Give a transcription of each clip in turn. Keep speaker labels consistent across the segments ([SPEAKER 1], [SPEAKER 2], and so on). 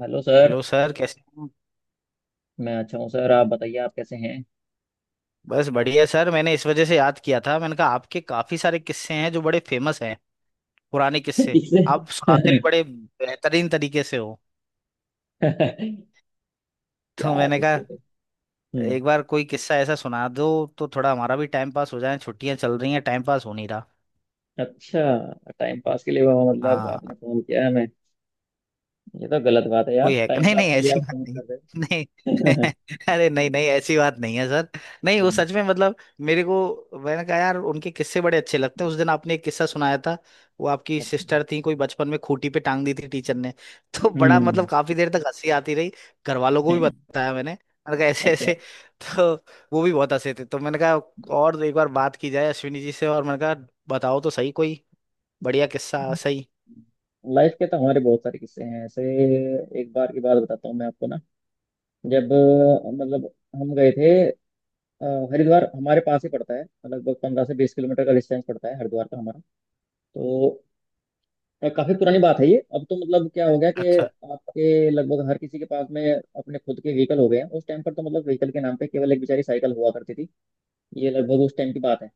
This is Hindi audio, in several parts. [SPEAKER 1] Hello sir.
[SPEAKER 2] हेलो सर, कैसे हैं।
[SPEAKER 1] मैं अच्छा हूँ सर, आप बताइए आप कैसे हैं।
[SPEAKER 2] बस बढ़िया सर। मैंने इस वजह से याद किया था, मैंने कहा आपके काफी सारे किस्से हैं जो बड़े फेमस हैं, पुराने किस्से।
[SPEAKER 1] किससे?
[SPEAKER 2] आप सुनाते भी बड़े बेहतरीन तरीके से हो।
[SPEAKER 1] क्या?
[SPEAKER 2] तो मैंने कहा
[SPEAKER 1] किससे तो। हम्म।
[SPEAKER 2] एक बार कोई किस्सा ऐसा सुना दो तो थोड़ा हमारा भी टाइम पास हो जाए। छुट्टियां चल रही हैं, टाइम पास हो नहीं रहा।
[SPEAKER 1] अच्छा। टाइम पास के लिए वो मतलब
[SPEAKER 2] हाँ।
[SPEAKER 1] आपने फोन किया है हमें? ये तो गलत बात है यार,
[SPEAKER 2] कोई है
[SPEAKER 1] टाइम
[SPEAKER 2] नहीं,
[SPEAKER 1] पास
[SPEAKER 2] नहीं
[SPEAKER 1] के लिए
[SPEAKER 2] ऐसी
[SPEAKER 1] आप
[SPEAKER 2] बात
[SPEAKER 1] फोन
[SPEAKER 2] नहीं।
[SPEAKER 1] कर रहे
[SPEAKER 2] नहीं।
[SPEAKER 1] हो।
[SPEAKER 2] अरे नहीं नहीं ऐसी बात नहीं है सर। नहीं वो
[SPEAKER 1] हम्म।
[SPEAKER 2] सच में मतलब मेरे को, मैंने कहा यार उनके किस्से बड़े अच्छे लगते हैं। उस दिन आपने एक किस्सा सुनाया था, वो आपकी
[SPEAKER 1] अच्छा।
[SPEAKER 2] सिस्टर थी कोई, बचपन में खूंटी पे टांग दी थी टीचर ने। तो बड़ा मतलब
[SPEAKER 1] हम्म।
[SPEAKER 2] काफी देर तक हंसी आती रही। घर वालों को भी बताया, मैंने मैंने कहा ऐसे
[SPEAKER 1] अच्छा।
[SPEAKER 2] ऐसे। तो वो भी बहुत हंसे थे। तो मैंने कहा और एक बार बात की जाए अश्विनी जी से, और मैंने कहा बताओ तो सही कोई बढ़िया किस्सा सही।
[SPEAKER 1] लाइफ के तो हमारे बहुत सारे किस्से हैं ऐसे। एक बार की बात बताता हूँ मैं आपको ना। जब मतलब हम गए थे अ, हरिद्वार। हमारे पास ही पड़ता है, लगभग 15 से 20 किलोमीटर का डिस्टेंस पड़ता है हरिद्वार का हमारा। तो काफी पुरानी बात है ये। अब तो मतलब क्या हो गया कि
[SPEAKER 2] अच्छा
[SPEAKER 1] आपके लगभग हर किसी के पास में अपने खुद के व्हीकल हो गए हैं। उस टाइम पर तो मतलब व्हीकल के नाम पे केवल एक बेचारी साइकिल हुआ करती थी। ये लगभग उस टाइम की बात है।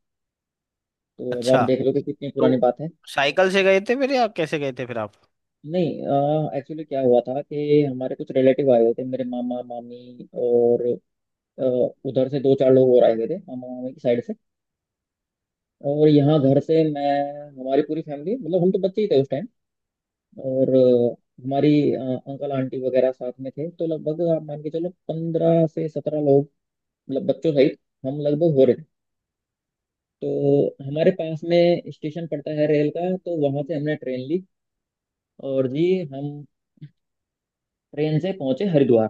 [SPEAKER 1] तो अब आप
[SPEAKER 2] अच्छा।
[SPEAKER 1] देख लो कि कितनी
[SPEAKER 2] तो
[SPEAKER 1] पुरानी बात है।
[SPEAKER 2] साइकिल से गए थे फिर या कैसे गए थे फिर आप?
[SPEAKER 1] नहीं एक्चुअली क्या हुआ था कि हमारे कुछ रिलेटिव आए हुए थे, मेरे मामा मामी, और अ, उधर से दो चार लोग और आए हुए थे मामा मामी की साइड से। और यहाँ घर से मैं, हमारी पूरी फैमिली, मतलब हम तो बच्चे ही थे उस टाइम। और हमारी अंकल आंटी वगैरह साथ में थे, तो लगभग आप मान के चलो 15 से 17 लोग, मतलब बच्चों सहित हम लगभग हो रहे थे। तो हमारे पास में स्टेशन पड़ता है रेल का, तो वहां से हमने ट्रेन ली। और जी हम ट्रेन से पहुंचे हरिद्वार।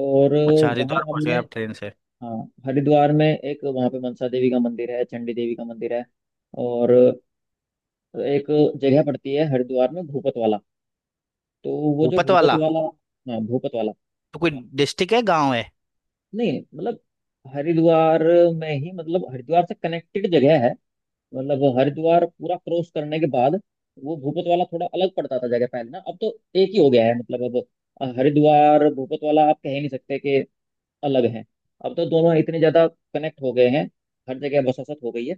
[SPEAKER 1] और
[SPEAKER 2] अच्छा,
[SPEAKER 1] वहां
[SPEAKER 2] हरिद्वार पहुंच गए
[SPEAKER 1] हमने,
[SPEAKER 2] आप ट्रेन से।
[SPEAKER 1] हाँ, हरिद्वार में एक वहां पे मनसा देवी का मंदिर है, चंडी देवी का मंदिर है। और एक जगह पड़ती है हरिद्वार में, भूपत वाला। तो वो जो
[SPEAKER 2] भूपत
[SPEAKER 1] भूपत
[SPEAKER 2] वाला
[SPEAKER 1] वाला। हाँ भूपत वाला।
[SPEAKER 2] तो कोई डिस्ट्रिक्ट है, गांव है?
[SPEAKER 1] नहीं मतलब हरिद्वार में ही, मतलब हरिद्वार से कनेक्टेड जगह है। मतलब हरिद्वार पूरा क्रॉस करने के बाद वो भूपत वाला थोड़ा अलग पड़ता था जगह पहले ना, अब तो एक ही हो गया है। मतलब अब हरिद्वार भूपत वाला आप कह ही नहीं सकते कि अलग हैं। अब तो दोनों इतने ज्यादा कनेक्ट हो गए हैं, हर जगह बसासत हो गई है।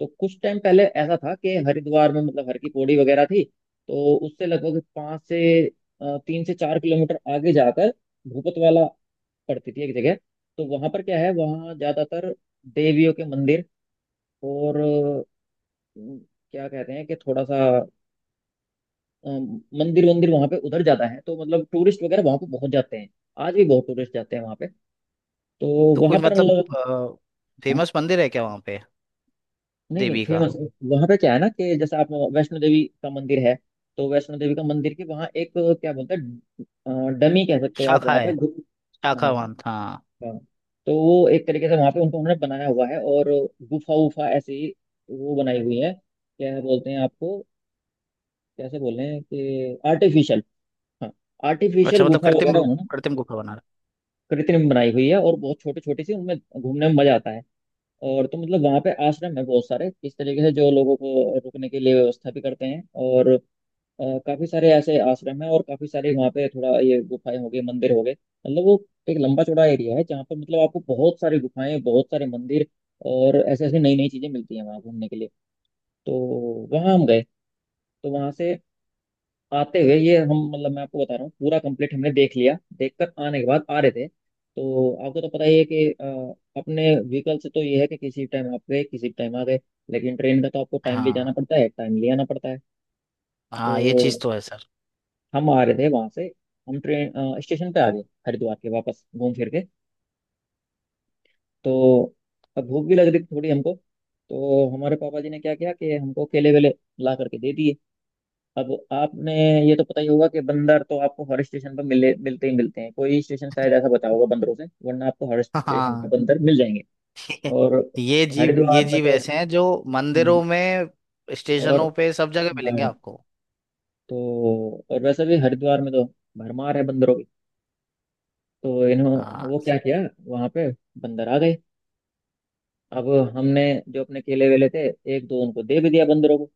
[SPEAKER 1] तो कुछ टाइम पहले ऐसा था कि हरिद्वार में मतलब हर की पौड़ी वगैरह थी। तो उससे लगभग पाँच से 3 से 4 किलोमीटर आगे जाकर भूपत वाला पड़ती थी एक जगह। तो वहां पर क्या है, वहाँ ज्यादातर देवियों के मंदिर, और अम, क्या कहते हैं कि थोड़ा सा मंदिर वंदिर वहां पे उधर ज्यादा है, तो मतलब टूरिस्ट वगैरह वहां पे बहुत जाते हैं। आज भी बहुत टूरिस्ट जाते हैं वहां पे। तो
[SPEAKER 2] तो कोई
[SPEAKER 1] वहां पर
[SPEAKER 2] मतलब
[SPEAKER 1] मतलब, हाँ,
[SPEAKER 2] फेमस मंदिर है क्या वहाँ पे,
[SPEAKER 1] नहीं नहीं
[SPEAKER 2] देवी का?
[SPEAKER 1] फेमस। वहां पे क्या है ना कि जैसे आप, वैष्णो देवी का मंदिर है। तो वैष्णो देवी का मंदिर के वहाँ एक, क्या बोलते हैं, डमी कह सकते हो आप
[SPEAKER 2] शाखा
[SPEAKER 1] वहाँ पे।
[SPEAKER 2] है, शाखा वन हाँ।
[SPEAKER 1] हाँ। तो वो एक तरीके से वहां पे उनको उन्होंने बनाया हुआ है। और गुफा वुफा ऐसे ही वो बनाई हुई है। क्या बोलते हैं आपको, कैसे बोल रहे हैं कि, आर्टिफिशियल। हाँ
[SPEAKER 2] अच्छा
[SPEAKER 1] आर्टिफिशियल
[SPEAKER 2] मतलब
[SPEAKER 1] गुफा
[SPEAKER 2] कृत्रिम
[SPEAKER 1] वगैरह
[SPEAKER 2] रूप
[SPEAKER 1] उन्होंने।
[SPEAKER 2] कृत्रिम गुफा
[SPEAKER 1] हाँ,
[SPEAKER 2] बना
[SPEAKER 1] कृत्रिम बनाई हुई है, और बहुत छोटी छोटी सी उनमें घूमने में मजा आता है। और तो मतलब वहाँ पे आश्रम है बहुत सारे, इस तरीके से जो लोगों को रुकने के लिए व्यवस्था भी करते हैं। और काफी सारे ऐसे आश्रम है, और काफी सारे वहाँ पे थोड़ा ये गुफाएं हो गई, मंदिर हो गए, मतलब वो एक लंबा चौड़ा एरिया है जहाँ पर मतलब आपको बहुत सारी गुफाएं, बहुत सारे मंदिर, और ऐसे ऐसे नई नई चीजें मिलती हैं वहाँ घूमने के लिए। तो वहाँ हम गए। तो वहाँ से आते हुए ये हम, मतलब मैं आपको बता रहा हूँ, पूरा कंप्लीट हमने देख लिया, देखकर आने के बाद आ रहे थे, तो आपको तो पता ही है कि अपने व्हीकल से तो ये है कि किसी टाइम आप गए किसी टाइम आ गए। लेकिन ट्रेन का तो आपको
[SPEAKER 2] रहा है।
[SPEAKER 1] टाइमली जाना
[SPEAKER 2] हाँ
[SPEAKER 1] पड़ता है, टाइमली आना पड़ता है।
[SPEAKER 2] हाँ ये चीज
[SPEAKER 1] तो
[SPEAKER 2] तो है सर।
[SPEAKER 1] हम आ रहे थे वहां से। हम ट्रेन स्टेशन पे आ गए हरिद्वार के, वापस घूम फिर के। तो अब भूख भी लग रही थी थोड़ी हमको। तो हमारे पापा जी ने क्या किया कि हमको केले वेले ला करके दे दिए। अब आपने ये तो पता ही होगा कि बंदर तो आपको हर स्टेशन पर मिले, मिलते ही मिलते हैं। कोई स्टेशन शायद ऐसा बता होगा बंदरों से, वरना आपको हर स्टेशन पर
[SPEAKER 2] हाँ।
[SPEAKER 1] बंदर मिल जाएंगे। और
[SPEAKER 2] ये जीव ये
[SPEAKER 1] हरिद्वार में
[SPEAKER 2] जीव
[SPEAKER 1] तो।
[SPEAKER 2] ऐसे हैं जो
[SPEAKER 1] हम्म।
[SPEAKER 2] मंदिरों में,
[SPEAKER 1] और
[SPEAKER 2] स्टेशनों पे, सब जगह मिलेंगे
[SPEAKER 1] बाढ़।
[SPEAKER 2] आपको।
[SPEAKER 1] तो और वैसे भी हरिद्वार में तो भरमार है बंदरों की। तो इन्हों, वो
[SPEAKER 2] हाँ।
[SPEAKER 1] क्या किया, वहां पे बंदर आ गए। अब हमने जो अपने केले वेले थे, एक दो उनको दे भी दिया बंदरों को।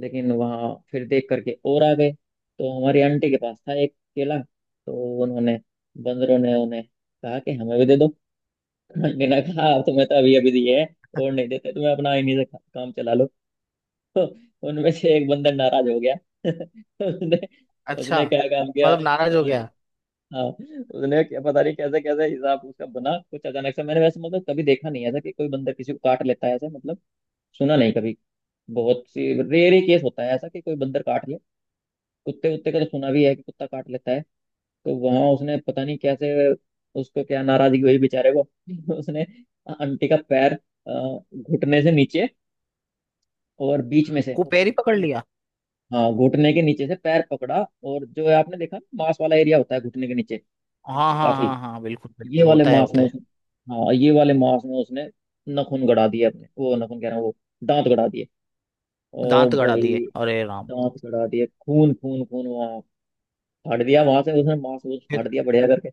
[SPEAKER 1] लेकिन वहां फिर देख करके और आ गए। तो हमारी आंटी के पास था एक केला। तो उन्होंने, बंदरों ने उन्हें कहा कि हमें भी दे दो। आंटी ने कहा, "अब तुम्हें तो अभी अभी दिए हैं, और नहीं देते तुम्हें, अपना इन्हीं से काम चला लो।" तो उनमें से एक बंदर नाराज हो गया। उसने
[SPEAKER 2] अच्छा,
[SPEAKER 1] उसने क्या काम किया।
[SPEAKER 2] मतलब नाराज हो
[SPEAKER 1] और
[SPEAKER 2] गया।
[SPEAKER 1] हाँ उसने, क्या पता नहीं कैसे कैसे हिसाब उसका बना कुछ अचानक से। मैंने वैसे मतलब कभी देखा नहीं ऐसा कि कोई बंदर किसी को काट लेता है, ऐसा मतलब सुना नहीं कभी। बहुत सी रेयर ही केस होता है ऐसा कि कोई बंदर काट ले। कुत्ते उत्ते का तो सुना भी है कि कुत्ता काट लेता है। तो वहां उसने पता नहीं कैसे, उसको क्या नाराजगी हुई बेचारे को। उसने आंटी का पैर अ, घुटने से नीचे, और बीच में से।
[SPEAKER 2] कुपेर ही पकड़ लिया।
[SPEAKER 1] हाँ घुटने के नीचे से पैर पकड़ा। और जो है, आपने देखा ना, मांस वाला एरिया होता है घुटने के नीचे
[SPEAKER 2] हाँ हाँ
[SPEAKER 1] काफी।
[SPEAKER 2] हाँ हाँ बिल्कुल
[SPEAKER 1] ये
[SPEAKER 2] बिल्कुल
[SPEAKER 1] वाले
[SPEAKER 2] होता है
[SPEAKER 1] मांस
[SPEAKER 2] होता
[SPEAKER 1] में
[SPEAKER 2] है।
[SPEAKER 1] उसने। हाँ ये वाले मांस में उसने नाखून गड़ा दिए अपने, वो नाखून कह रहा हूँ, वो दांत गड़ा दिए। और
[SPEAKER 2] दांत गड़ा दिए,
[SPEAKER 1] भाई
[SPEAKER 2] अरे राम।
[SPEAKER 1] दांत कड़ा दिए, खून खून खून वहाँ। फाड़ दिया वहां से उसने, मांस वूस फाड़
[SPEAKER 2] फिर
[SPEAKER 1] दिया बढ़िया करके।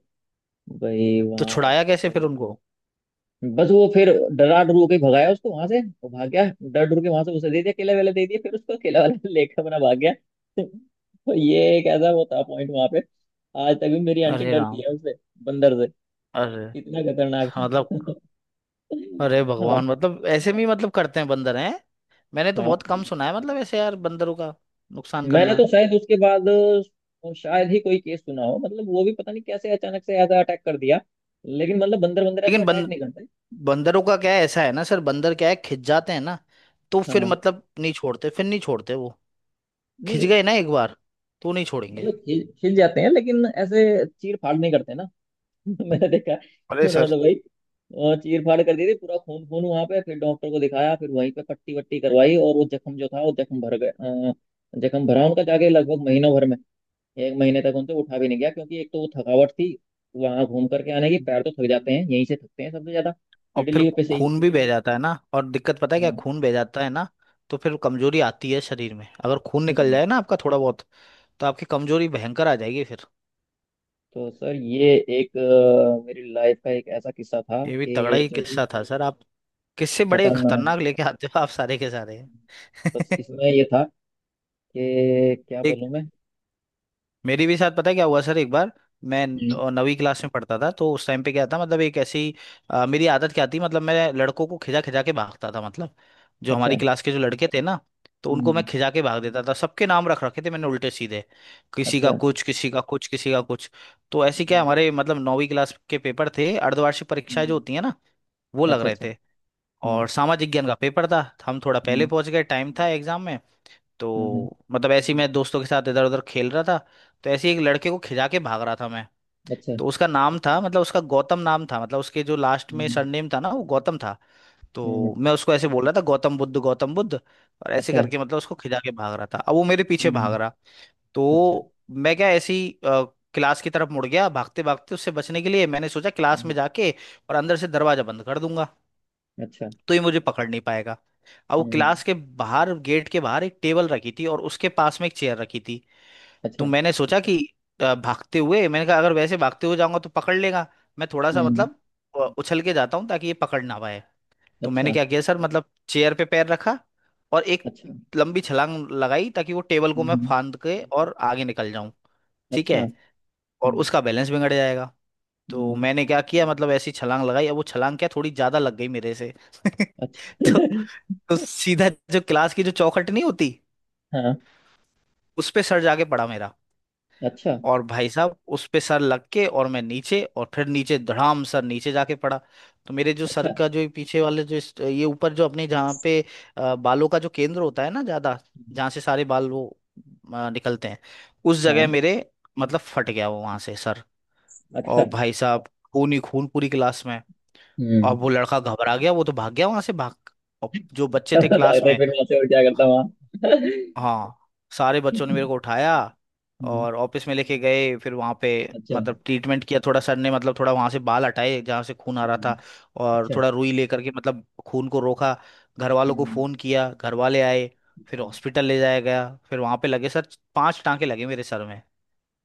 [SPEAKER 1] भाई
[SPEAKER 2] तो
[SPEAKER 1] वहाँ
[SPEAKER 2] छुड़ाया कैसे फिर उनको?
[SPEAKER 1] बस वो फिर डरा डरू के भगाया उसको वहां से, वो भाग गया डर डर के वहां से। उसे दे दिया केला वेला, दे दिया फिर उसको केला वाला लेकर अपना भाग गया। तो ये एक ऐसा वो था पॉइंट वहां पे। आज तक भी मेरी आंटी
[SPEAKER 2] अरे
[SPEAKER 1] डरती
[SPEAKER 2] राम।
[SPEAKER 1] है उससे, बंदर से।
[SPEAKER 2] अरे
[SPEAKER 1] इतना खतरनाक था।
[SPEAKER 2] मतलब अरे
[SPEAKER 1] हाँ
[SPEAKER 2] भगवान, मतलब ऐसे भी मतलब करते हैं, बंदर हैं। मैंने तो
[SPEAKER 1] हाँ।
[SPEAKER 2] बहुत कम सुना है मतलब ऐसे यार बंदरों का नुकसान
[SPEAKER 1] मैंने
[SPEAKER 2] करना।
[SPEAKER 1] तो शायद उसके बाद शायद ही कोई केस सुना हो। मतलब वो भी पता नहीं कैसे अचानक से ऐसा अटैक कर दिया। लेकिन मतलब बंदर बंदर ऐसे
[SPEAKER 2] लेकिन
[SPEAKER 1] अटैक नहीं करते।
[SPEAKER 2] बंदरों का क्या है, ऐसा है ना सर, बंदर क्या है, खिंच जाते हैं ना। तो फिर
[SPEAKER 1] हाँ
[SPEAKER 2] मतलब नहीं छोड़ते, फिर नहीं छोड़ते वो। खिंच
[SPEAKER 1] नहीं।
[SPEAKER 2] गए ना एक बार तो नहीं छोड़ेंगे।
[SPEAKER 1] मतलब हिल हिल जाते हैं लेकिन ऐसे चीर फाड़ नहीं करते ना। मैंने देखा,
[SPEAKER 2] अरे
[SPEAKER 1] उन्होंने तो भाई चीर फाड़ कर दी थी। पूरा खून खून वहां पे। फिर डॉक्टर को दिखाया, फिर वहीं पे पट्टी वट्टी करवाई। और वो जख्म जो था, वो जख्म भर गए जख्म भरा उनका जाके लगभग महीनों भर, एक महीने तक उनको उठा भी नहीं गया। क्योंकि एक तो वो थकावट थी। वहां घूम करके आने की, पैर
[SPEAKER 2] सर।
[SPEAKER 1] तो थक जाते हैं यहीं से, थकते हैं सबसे ज्यादा
[SPEAKER 2] और फिर
[SPEAKER 1] पिटलियों पे से ही।
[SPEAKER 2] खून भी बह जाता है ना, और दिक्कत, पता है क्या,
[SPEAKER 1] हाँ।
[SPEAKER 2] खून बह जाता है ना, तो फिर कमजोरी आती है शरीर में। अगर खून निकल
[SPEAKER 1] हम्म।
[SPEAKER 2] जाए ना आपका थोड़ा बहुत तो आपकी कमजोरी भयंकर आ जाएगी फिर।
[SPEAKER 1] तो सर ये एक मेरी लाइफ का एक ऐसा किस्सा था
[SPEAKER 2] ये भी तगड़ा
[SPEAKER 1] कि
[SPEAKER 2] ही
[SPEAKER 1] जो कि
[SPEAKER 2] किस्सा था सर आप। किससे बड़े
[SPEAKER 1] खतरनाक।
[SPEAKER 2] खतरनाक लेके आते हो आप, सारे के सारे।
[SPEAKER 1] बस इसमें ये था कि क्या
[SPEAKER 2] एक
[SPEAKER 1] बोलूं मैं।
[SPEAKER 2] मेरे भी साथ पता है क्या हुआ सर एक बार। मैं
[SPEAKER 1] हम्म।
[SPEAKER 2] नवीं क्लास में पढ़ता था, तो उस टाइम पे क्या था मतलब एक ऐसी मेरी आदत क्या थी, मतलब मैं लड़कों को खिजा खिजा के भागता था। मतलब जो हमारी
[SPEAKER 1] अच्छा।
[SPEAKER 2] क्लास के जो लड़के थे ना तो उनको मैं
[SPEAKER 1] हम्म।
[SPEAKER 2] खिजा के भाग देता था। सबके नाम रख रखे थे मैंने उल्टे सीधे, किसी का
[SPEAKER 1] अच्छा।
[SPEAKER 2] कुछ, किसी का कुछ, किसी का कुछ। तो ऐसे क्या
[SPEAKER 1] हम्म।
[SPEAKER 2] हमारे मतलब नौवीं क्लास के पेपर थे, अर्धवार्षिक परीक्षाएं जो
[SPEAKER 1] हम्म।
[SPEAKER 2] होती है ना, वो लग
[SPEAKER 1] अच्छा।
[SPEAKER 2] रहे
[SPEAKER 1] अच्छा।
[SPEAKER 2] थे।
[SPEAKER 1] हम्म।
[SPEAKER 2] और सामाजिक ज्ञान का पेपर था। हम थोड़ा पहले
[SPEAKER 1] हम्म।
[SPEAKER 2] पहुंच गए, टाइम था एग्जाम में।
[SPEAKER 1] हम्म। हम्म।
[SPEAKER 2] तो मतलब ऐसे ही मैं दोस्तों के साथ इधर उधर खेल रहा था। तो ऐसे ही एक लड़के को खिजा के भाग रहा था मैं।
[SPEAKER 1] अच्छा।
[SPEAKER 2] तो उसका नाम था, मतलब उसका गौतम नाम था, मतलब उसके जो लास्ट में
[SPEAKER 1] हम्म।
[SPEAKER 2] सरनेम था ना वो गौतम था। तो
[SPEAKER 1] हम्म।
[SPEAKER 2] मैं उसको ऐसे बोल रहा था गौतम बुद्ध गौतम बुद्ध, और ऐसे
[SPEAKER 1] अच्छा।
[SPEAKER 2] करके मतलब उसको खिजा के भाग रहा था। अब वो मेरे पीछे भाग रहा।
[SPEAKER 1] हम्म। अच्छा।
[SPEAKER 2] तो मैं क्या ऐसे ही क्लास की तरफ मुड़ गया भागते भागते, उससे बचने के लिए। मैंने सोचा क्लास में
[SPEAKER 1] हम्म।
[SPEAKER 2] जाके और अंदर से दरवाजा बंद कर दूंगा
[SPEAKER 1] अच्छा।
[SPEAKER 2] तो ये मुझे पकड़ नहीं पाएगा। अब वो
[SPEAKER 1] हम्म।
[SPEAKER 2] क्लास के बाहर, गेट के बाहर एक टेबल रखी थी और उसके पास में एक चेयर रखी थी। तो
[SPEAKER 1] अच्छा।
[SPEAKER 2] मैंने सोचा कि भागते हुए, मैंने कहा अगर वैसे भागते हुए जाऊंगा तो पकड़ लेगा। मैं थोड़ा सा
[SPEAKER 1] हम्म।
[SPEAKER 2] मतलब उछल के जाता हूँ ताकि ये पकड़ ना पाए। तो मैंने
[SPEAKER 1] अच्छा।
[SPEAKER 2] क्या किया सर, मतलब चेयर पे पैर रखा और एक
[SPEAKER 1] अच्छा।
[SPEAKER 2] लंबी छलांग लगाई ताकि वो टेबल को मैं
[SPEAKER 1] हम्म।
[SPEAKER 2] फांद के और आगे निकल जाऊं, ठीक है,
[SPEAKER 1] अच्छा।
[SPEAKER 2] और
[SPEAKER 1] हम्म।
[SPEAKER 2] उसका बैलेंस बिगड़ जाएगा। तो
[SPEAKER 1] हम्म।
[SPEAKER 2] मैंने क्या किया, मतलब ऐसी छलांग लगाई, अब वो छलांग क्या थोड़ी ज्यादा लग गई मेरे से।
[SPEAKER 1] अच्छा।
[SPEAKER 2] तो, तो सीधा जो क्लास की जो चौखट नहीं होती,
[SPEAKER 1] हाँ।
[SPEAKER 2] उस पे सर जाके पड़ा मेरा।
[SPEAKER 1] अच्छा।
[SPEAKER 2] और भाई साहब उस पे सर लग के और मैं नीचे, और फिर नीचे धड़ाम सर नीचे जाके पड़ा। तो मेरे जो सर
[SPEAKER 1] अच्छा।
[SPEAKER 2] का जो ये पीछे वाले जो ये ऊपर जो अपने जहाँ पे बालों का जो केंद्र होता है ना ज्यादा,
[SPEAKER 1] हम्म।
[SPEAKER 2] जहाँ से सारे बाल वो निकलते हैं, उस जगह
[SPEAKER 1] हाँ।
[SPEAKER 2] मेरे मतलब फट गया वो वहां से सर।
[SPEAKER 1] अच्छा।
[SPEAKER 2] और भाई साहब खून ही खून पूरी क्लास में। और
[SPEAKER 1] हम्म।
[SPEAKER 2] वो लड़का घबरा गया, वो तो भाग गया वहां से, भाग। और जो बच्चे
[SPEAKER 1] तब
[SPEAKER 2] थे
[SPEAKER 1] तो
[SPEAKER 2] क्लास
[SPEAKER 1] भागते
[SPEAKER 2] में,
[SPEAKER 1] फिर वहां से, और क्या करता वहाँ।
[SPEAKER 2] हाँ, सारे बच्चों ने मेरे को उठाया
[SPEAKER 1] हम्म।
[SPEAKER 2] और ऑफिस में लेके गए। फिर वहाँ पे
[SPEAKER 1] अच्छा।
[SPEAKER 2] मतलब ट्रीटमेंट किया, थोड़ा सर ने मतलब थोड़ा वहाँ से बाल हटाए जहाँ से खून आ रहा था,
[SPEAKER 1] हम्म।
[SPEAKER 2] और
[SPEAKER 1] अच्छा।
[SPEAKER 2] थोड़ा रुई लेकर के मतलब खून को रोका। घर वालों को
[SPEAKER 1] हम्म।
[SPEAKER 2] फ़ोन किया, घर वाले आए। फिर
[SPEAKER 1] अच्छा।
[SPEAKER 2] हॉस्पिटल ले जाया गया, फिर वहाँ पे लगे सर, पांच टांके लगे मेरे सर में।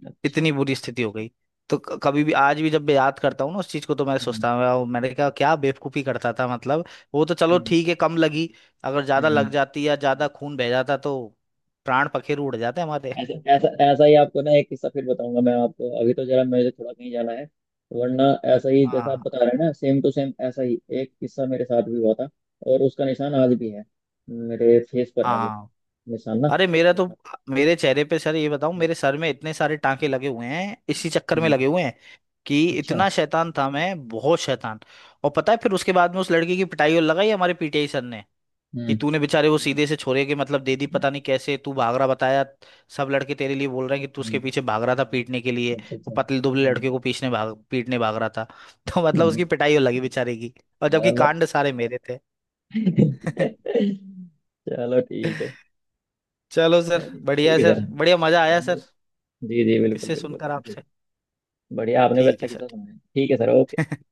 [SPEAKER 1] अच्छा।
[SPEAKER 2] इतनी बुरी स्थिति हो गई। तो कभी भी आज भी जब मैं याद करता हूँ ना उस चीज को, तो मैं
[SPEAKER 1] हम्म।
[SPEAKER 2] सोचता हूँ वाह, मैंने कहा क्या बेवकूफी करता था मतलब। वो तो चलो
[SPEAKER 1] हम्म।
[SPEAKER 2] ठीक है, कम लगी। अगर ज्यादा
[SPEAKER 1] हम्म।
[SPEAKER 2] लग जाती या ज्यादा खून बह जाता तो प्राण पखेरु उड़ जाते हमारे।
[SPEAKER 1] ऐसा ऐसा ऐसा ही आपको ना एक किस्सा फिर बताऊंगा मैं आपको। अभी तो जरा मेरे थोड़ा कहीं जाना है, वरना ऐसा ही जैसा आप
[SPEAKER 2] हाँ
[SPEAKER 1] बता रहे हैं ना, सेम टू सेम ऐसा ही एक किस्सा मेरे साथ भी हुआ था। और उसका निशान आज भी है, मेरे फेस पर है वो
[SPEAKER 2] हाँ।
[SPEAKER 1] निशान ना।
[SPEAKER 2] अरे मेरा तो, मेरे चेहरे पे सर ये बताऊं, मेरे सर में इतने सारे टांके लगे हुए हैं इसी चक्कर में
[SPEAKER 1] हम्म।
[SPEAKER 2] लगे हुए हैं, कि
[SPEAKER 1] अच्छा।
[SPEAKER 2] इतना शैतान था मैं, बहुत शैतान। और पता है फिर उसके बाद में उस लड़की की पिटाई और लगाई हमारे पीटीआई सर ने, कि
[SPEAKER 1] हम्म।
[SPEAKER 2] तूने बेचारे वो सीधे से छोरे के मतलब दे दी, पता नहीं कैसे तू भाग रहा बताया। सब लड़के तेरे लिए बोल रहे हैं कि तू उसके
[SPEAKER 1] हम्म।
[SPEAKER 2] पीछे भाग रहा था पीटने के लिए।
[SPEAKER 1] अच्छा।
[SPEAKER 2] वो
[SPEAKER 1] अच्छा।
[SPEAKER 2] पतले दुबले
[SPEAKER 1] हम्म।
[SPEAKER 2] लड़के को पीछने भाग पीटने भाग रहा था। तो मतलब
[SPEAKER 1] हम्म।
[SPEAKER 2] उसकी पिटाई हो लगी बेचारे की, और जबकि
[SPEAKER 1] चलो।
[SPEAKER 2] कांड सारे मेरे थे।
[SPEAKER 1] चलो ठीक है।
[SPEAKER 2] चलो सर
[SPEAKER 1] चलिए
[SPEAKER 2] बढ़िया
[SPEAKER 1] ठीक
[SPEAKER 2] है
[SPEAKER 1] है
[SPEAKER 2] सर,
[SPEAKER 1] सर।
[SPEAKER 2] बढ़िया मजा आया सर।
[SPEAKER 1] जी जी बिल्कुल
[SPEAKER 2] किससे
[SPEAKER 1] बिल्कुल
[SPEAKER 2] सुनकर
[SPEAKER 1] जी।
[SPEAKER 2] आपसे।
[SPEAKER 1] बढ़िया आपने भी
[SPEAKER 2] ठीक
[SPEAKER 1] अच्छा
[SPEAKER 2] है सर।
[SPEAKER 1] किस्सा सुनाया। ठीक है सर। ओके।